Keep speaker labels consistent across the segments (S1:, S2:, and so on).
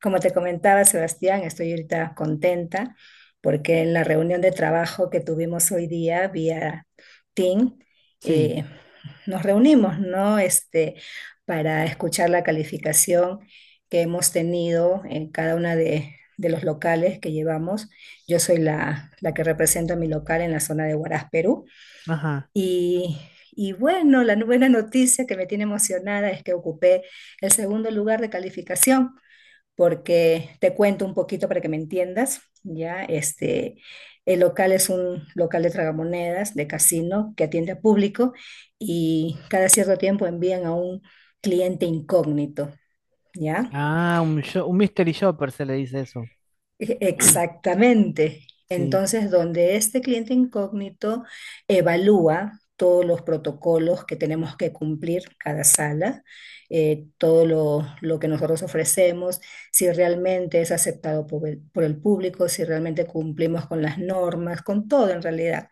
S1: Como te comentaba, Sebastián, estoy ahorita contenta porque en la reunión de trabajo que tuvimos hoy día vía Team,
S2: Sí,
S1: eh, nos reunimos, ¿no? Este, para escuchar la calificación que hemos tenido en cada una de los locales que llevamos. Yo soy la que represento a mi local en la zona de Huaraz, Perú.
S2: ajá.
S1: Y, y bueno, la buena noticia que me tiene emocionada es que ocupé el segundo lugar de calificación porque te cuento un poquito para que me entiendas, ¿ya? Este, el local es un local de tragamonedas, de casino, que atiende a público y cada cierto tiempo envían a un cliente incógnito, ¿ya?
S2: Ah, un, un mystery shopper se le dice eso.
S1: E- Exactamente.
S2: Sí.
S1: Entonces, donde este cliente incógnito evalúa todos los protocolos que tenemos que cumplir cada sala, todo lo que nosotros ofrecemos, si realmente es aceptado por el público, si realmente cumplimos con las normas, con todo en realidad.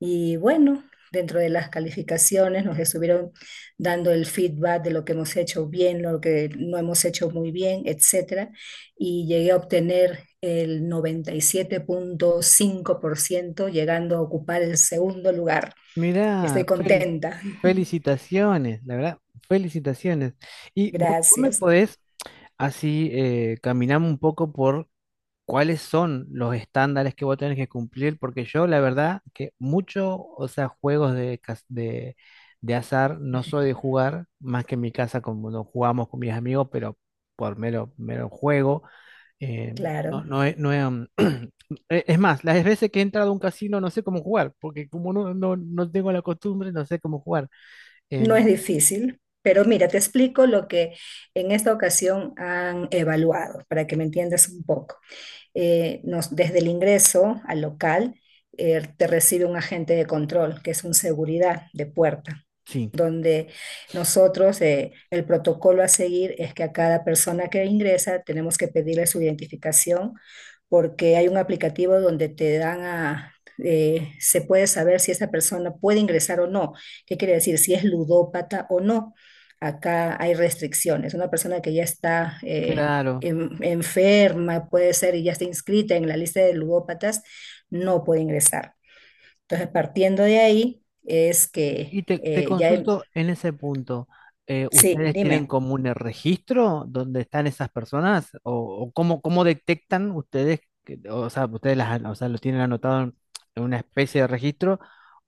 S1: Y bueno, dentro de las calificaciones nos estuvieron dando el feedback de lo que hemos hecho bien, lo que no hemos hecho muy bien, etcétera. Y llegué a obtener el 97.5%, llegando a ocupar el segundo lugar.
S2: Mirá,
S1: Estoy
S2: Feli,
S1: contenta.
S2: felicitaciones, la verdad, felicitaciones. Y vos me
S1: Gracias.
S2: podés así caminar un poco por cuáles son los estándares que vos tenés que cumplir, porque yo la verdad que mucho, o sea, juegos de, de azar no soy de jugar, más que en mi casa como no jugamos con mis amigos, pero por mero juego. Eh, no,
S1: Claro,
S2: no, he- no he, um, es más, las veces que he entrado a un casino no sé cómo jugar, porque como no tengo la costumbre, no sé cómo jugar.
S1: no
S2: Em,
S1: es difícil. Pero mira, te explico lo que en esta ocasión han evaluado para que me entiendas un poco. Desde el ingreso al local te recibe un agente de control, que es un seguridad de puerta
S2: sí,
S1: donde nosotros el protocolo a seguir es que a cada persona que ingresa tenemos que pedirle su identificación porque hay un aplicativo donde te dan a... se puede saber si esa persona puede ingresar o no. ¿Qué quiere decir? Si es ludópata o no. Acá hay restricciones. Una persona que ya está
S2: claro.
S1: enferma, puede ser, y ya está inscrita en la lista de ludópatas, no puede ingresar. Entonces, partiendo de ahí, es
S2: Y
S1: que
S2: te
S1: ya...
S2: consulto en ese punto.
S1: Sí,
S2: ¿Ustedes tienen
S1: dime.
S2: como un registro donde están esas personas? O cómo, cómo detectan ustedes? O sea, o sea, lo tienen anotado en una especie de registro.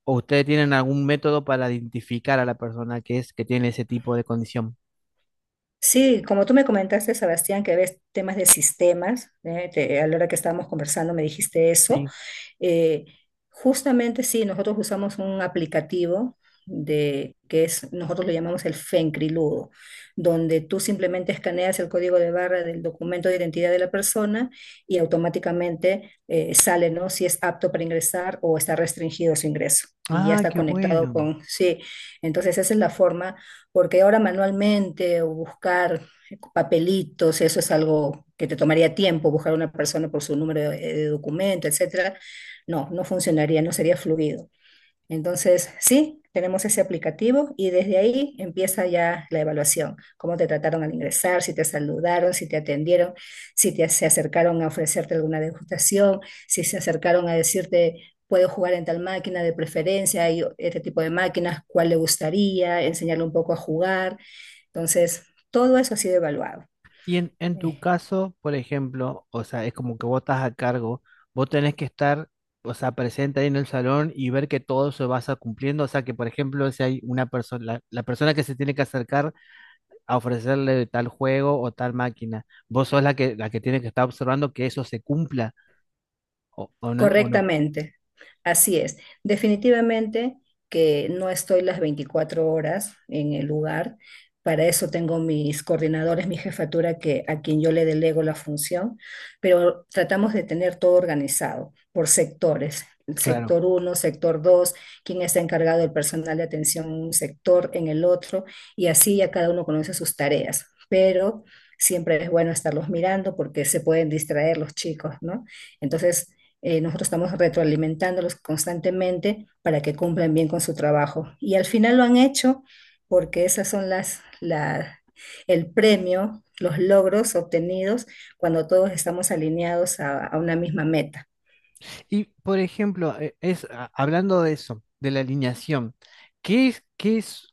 S2: ¿O ustedes tienen algún método para identificar a la persona que es que tiene ese tipo de condición?
S1: Sí, como tú me comentaste, Sebastián, que ves temas de sistemas, ¿eh? A la hora que estábamos conversando me dijiste eso.
S2: Sí.
S1: Eh, Justamente sí, nosotros usamos un aplicativo nosotros lo llamamos el Fencriludo, donde tú simplemente escaneas el código de barra del documento de identidad de la persona y automáticamente sale, ¿no? Si es apto para ingresar o está restringido su ingreso. Y ya
S2: Ah,
S1: está
S2: qué
S1: conectado
S2: bueno.
S1: con, sí, entonces esa es la forma, porque ahora manualmente o buscar papelitos, eso es algo que te tomaría tiempo, buscar a una persona por su número de documento, etcétera, no, no funcionaría, no sería fluido. Entonces, sí, tenemos ese aplicativo y desde ahí empieza ya la evaluación, cómo te trataron al ingresar, si te saludaron, si te atendieron, si se acercaron a ofrecerte alguna degustación, si se acercaron a decirte, puedo jugar en tal máquina de preferencia, hay este tipo de máquinas, cuál le gustaría, enseñarle un poco a jugar. Entonces, todo eso ha sido evaluado.
S2: Y en tu
S1: Eh,
S2: caso, por ejemplo, o sea, es como que vos estás a cargo, vos tenés que estar, o sea, presente ahí en el salón y ver que todo se va cumpliendo, o sea, que por ejemplo, si hay una persona, la persona que se tiene que acercar a ofrecerle tal juego o tal máquina, vos sos la que tiene que estar observando que eso se cumpla o no, o no.
S1: Correctamente, así es. Definitivamente que no estoy las 24 horas en el lugar. Para eso tengo mis coordinadores, mi jefatura, que, a quien yo le delego la función, pero tratamos de tener todo organizado por sectores. El
S2: Claro.
S1: sector uno, sector 2, quien está encargado del personal de atención en un sector, en el otro, y así ya cada uno conoce sus tareas. Pero siempre es bueno estarlos mirando porque se pueden distraer los chicos, ¿no? Entonces, nosotros estamos retroalimentándolos constantemente para que cumplan bien con su trabajo. Y al final lo han hecho porque esas son el premio, los logros obtenidos cuando todos estamos alineados a una misma meta.
S2: Y por ejemplo, hablando de eso, de la alineación, ¿qué es, qué es?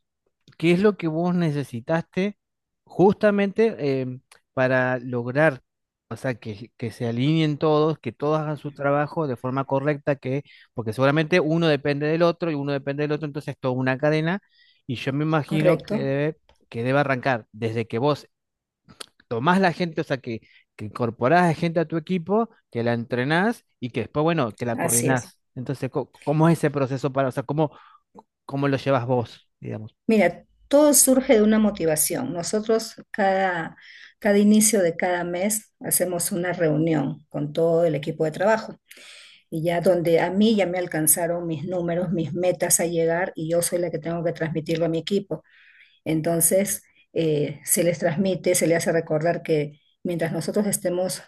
S2: ¿Qué es lo que vos necesitaste justamente para lograr, o sea, que se alineen todos, que todos hagan su trabajo de forma correcta, que, porque seguramente uno depende del otro y uno depende del otro, entonces es toda una cadena y yo me imagino
S1: ¿Correcto?
S2: que debe arrancar desde que vos tomás la gente, o sea, que incorporás a gente a tu equipo, que la entrenás y que después, bueno, que la
S1: Así es.
S2: coordinás? Entonces, ¿cómo es ese proceso para, o sea, cómo, cómo lo llevas vos, digamos?
S1: Mira, todo surge de una motivación. Nosotros cada inicio de cada mes hacemos una reunión con todo el equipo de trabajo y ya donde a mí ya me alcanzaron mis números, mis metas a llegar y yo soy la que tengo que transmitirlo a mi equipo. Entonces, se les transmite, se les hace recordar que mientras nosotros estemos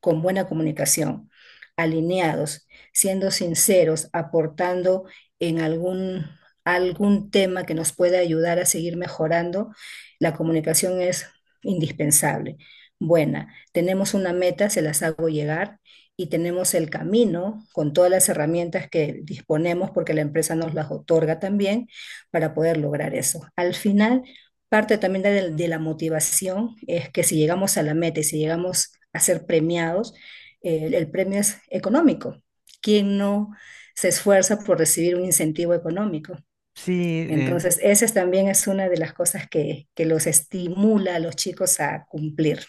S1: con buena comunicación, alineados, siendo sinceros, aportando en algún tema que nos pueda ayudar a seguir mejorando, la comunicación es indispensable. Buena, tenemos una meta, se las hago llegar y tenemos el camino con todas las herramientas que disponemos porque la empresa nos las otorga también para poder lograr eso. Al final, parte también de la motivación es que si llegamos a la meta y si llegamos a ser premiados, el premio es económico. ¿Quién no se esfuerza por recibir un incentivo económico?
S2: Sí,
S1: Entonces, esa es también es una de las cosas que los estimula a los chicos a cumplir.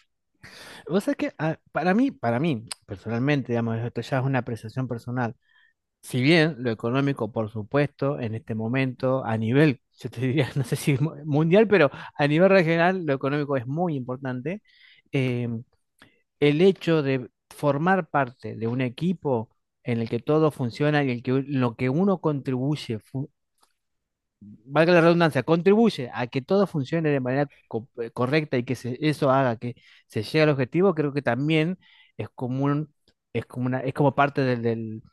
S2: vos sabés que para mí, personalmente, digamos, esto ya es una apreciación personal. Si bien lo económico, por supuesto, en este momento, a nivel, yo te diría, no sé si mundial, pero a nivel regional, lo económico es muy importante. eh, el hecho de formar parte de un equipo en el que todo funciona y el que, lo que uno contribuye valga la redundancia, contribuye a que todo funcione de manera correcta y que eso haga que se llegue al objetivo, creo que también es como es como una, es como parte del,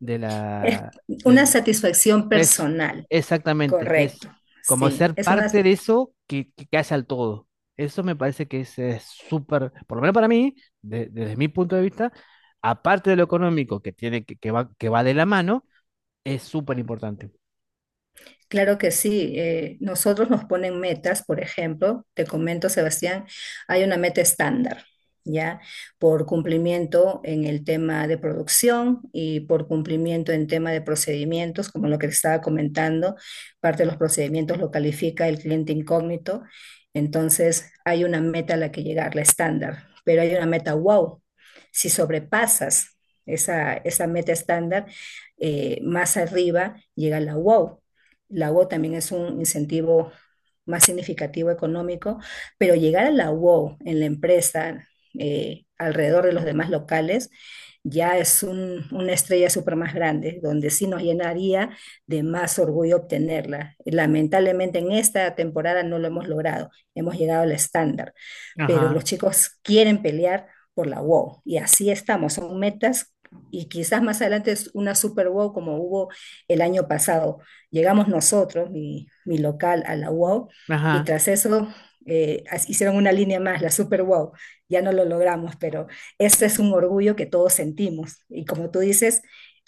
S2: de
S1: Es
S2: la,
S1: una
S2: del,
S1: satisfacción
S2: eso,
S1: personal,
S2: exactamente, es
S1: correcto.
S2: como
S1: Sí,
S2: ser
S1: es
S2: parte
S1: una.
S2: de eso que hace al todo. Eso me parece que es súper, por lo menos para mí, desde mi punto de vista, aparte de lo económico que tiene, que va de la mano, es súper importante.
S1: Claro que sí. Nosotros nos ponen metas, por ejemplo, te comento, Sebastián, hay una meta estándar, ¿ya? Por cumplimiento en el tema de producción y por cumplimiento en tema de procedimientos, como lo que te estaba comentando, parte de los procedimientos lo califica el cliente incógnito. Entonces, hay una meta a la que llegar, la estándar, pero hay una meta wow. Si sobrepasas esa meta estándar, más arriba llega la wow. La UO también es un incentivo más significativo económico, pero llegar a la UO en la empresa alrededor de los demás locales ya es una estrella súper más grande, donde sí nos llenaría de más orgullo obtenerla. Lamentablemente en esta temporada no lo hemos logrado, hemos llegado al estándar, pero
S2: Ajá,
S1: los chicos quieren pelear por la WOW y así estamos, son metas y quizás más adelante es una super WOW como hubo el año pasado. Llegamos nosotros, mi local, a la UAU, y
S2: ajá.
S1: tras eso hicieron una línea más, la Super Wow. Ya no lo logramos, pero ese es un orgullo que todos sentimos. Y como tú dices,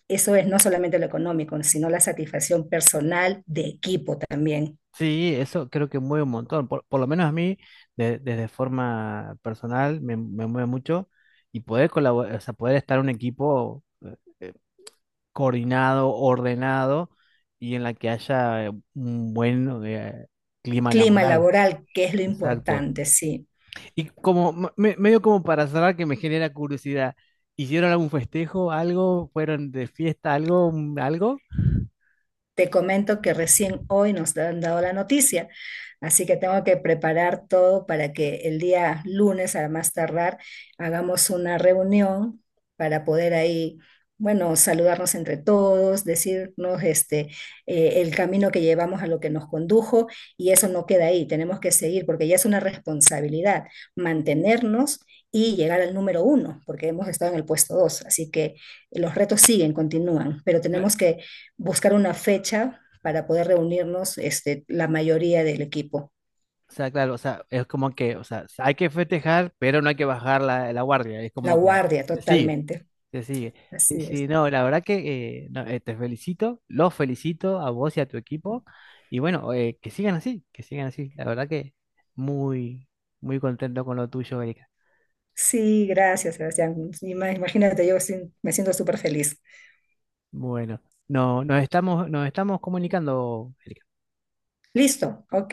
S1: eso es no solamente lo económico, sino la satisfacción personal de equipo también.
S2: Sí, eso creo que mueve un montón. Por lo menos a mí, desde forma personal, me mueve mucho. Y poder colaborar, o sea, poder estar en un equipo coordinado, ordenado y en la que haya un buen clima
S1: Clima
S2: laboral.
S1: laboral, que es lo
S2: Exacto.
S1: importante, sí.
S2: Y como, medio como para cerrar, que me genera curiosidad, ¿hicieron algún festejo, algo? ¿Fueron de fiesta, algo, algo?
S1: Te comento que recién hoy nos han dado la noticia, así que tengo que preparar todo para que el día lunes, a más tardar, hagamos una reunión para poder ahí, bueno, saludarnos entre todos, decirnos este, el camino que llevamos a lo que nos condujo y eso no queda ahí, tenemos que seguir porque ya es una responsabilidad mantenernos y llegar al número uno, porque hemos estado en el puesto dos, así que los retos siguen, continúan, pero tenemos que buscar una fecha para poder reunirnos, este, la mayoría del equipo.
S2: O sea, claro, o sea, es como que, o sea, hay que festejar, pero no hay que bajar la, la guardia, es
S1: La
S2: como que
S1: guardia
S2: se sigue,
S1: totalmente.
S2: se sigue. Sí,
S1: Así es.
S2: sí, no, la verdad que no, te felicito, los felicito a vos y a tu equipo, y bueno, que sigan así, la verdad que muy, muy contento con lo tuyo, Erika.
S1: Sí, gracias, Sebastián. Imagínate, yo sí me siento súper feliz.
S2: Bueno, no, nos estamos comunicando, Erika.
S1: Listo, OK.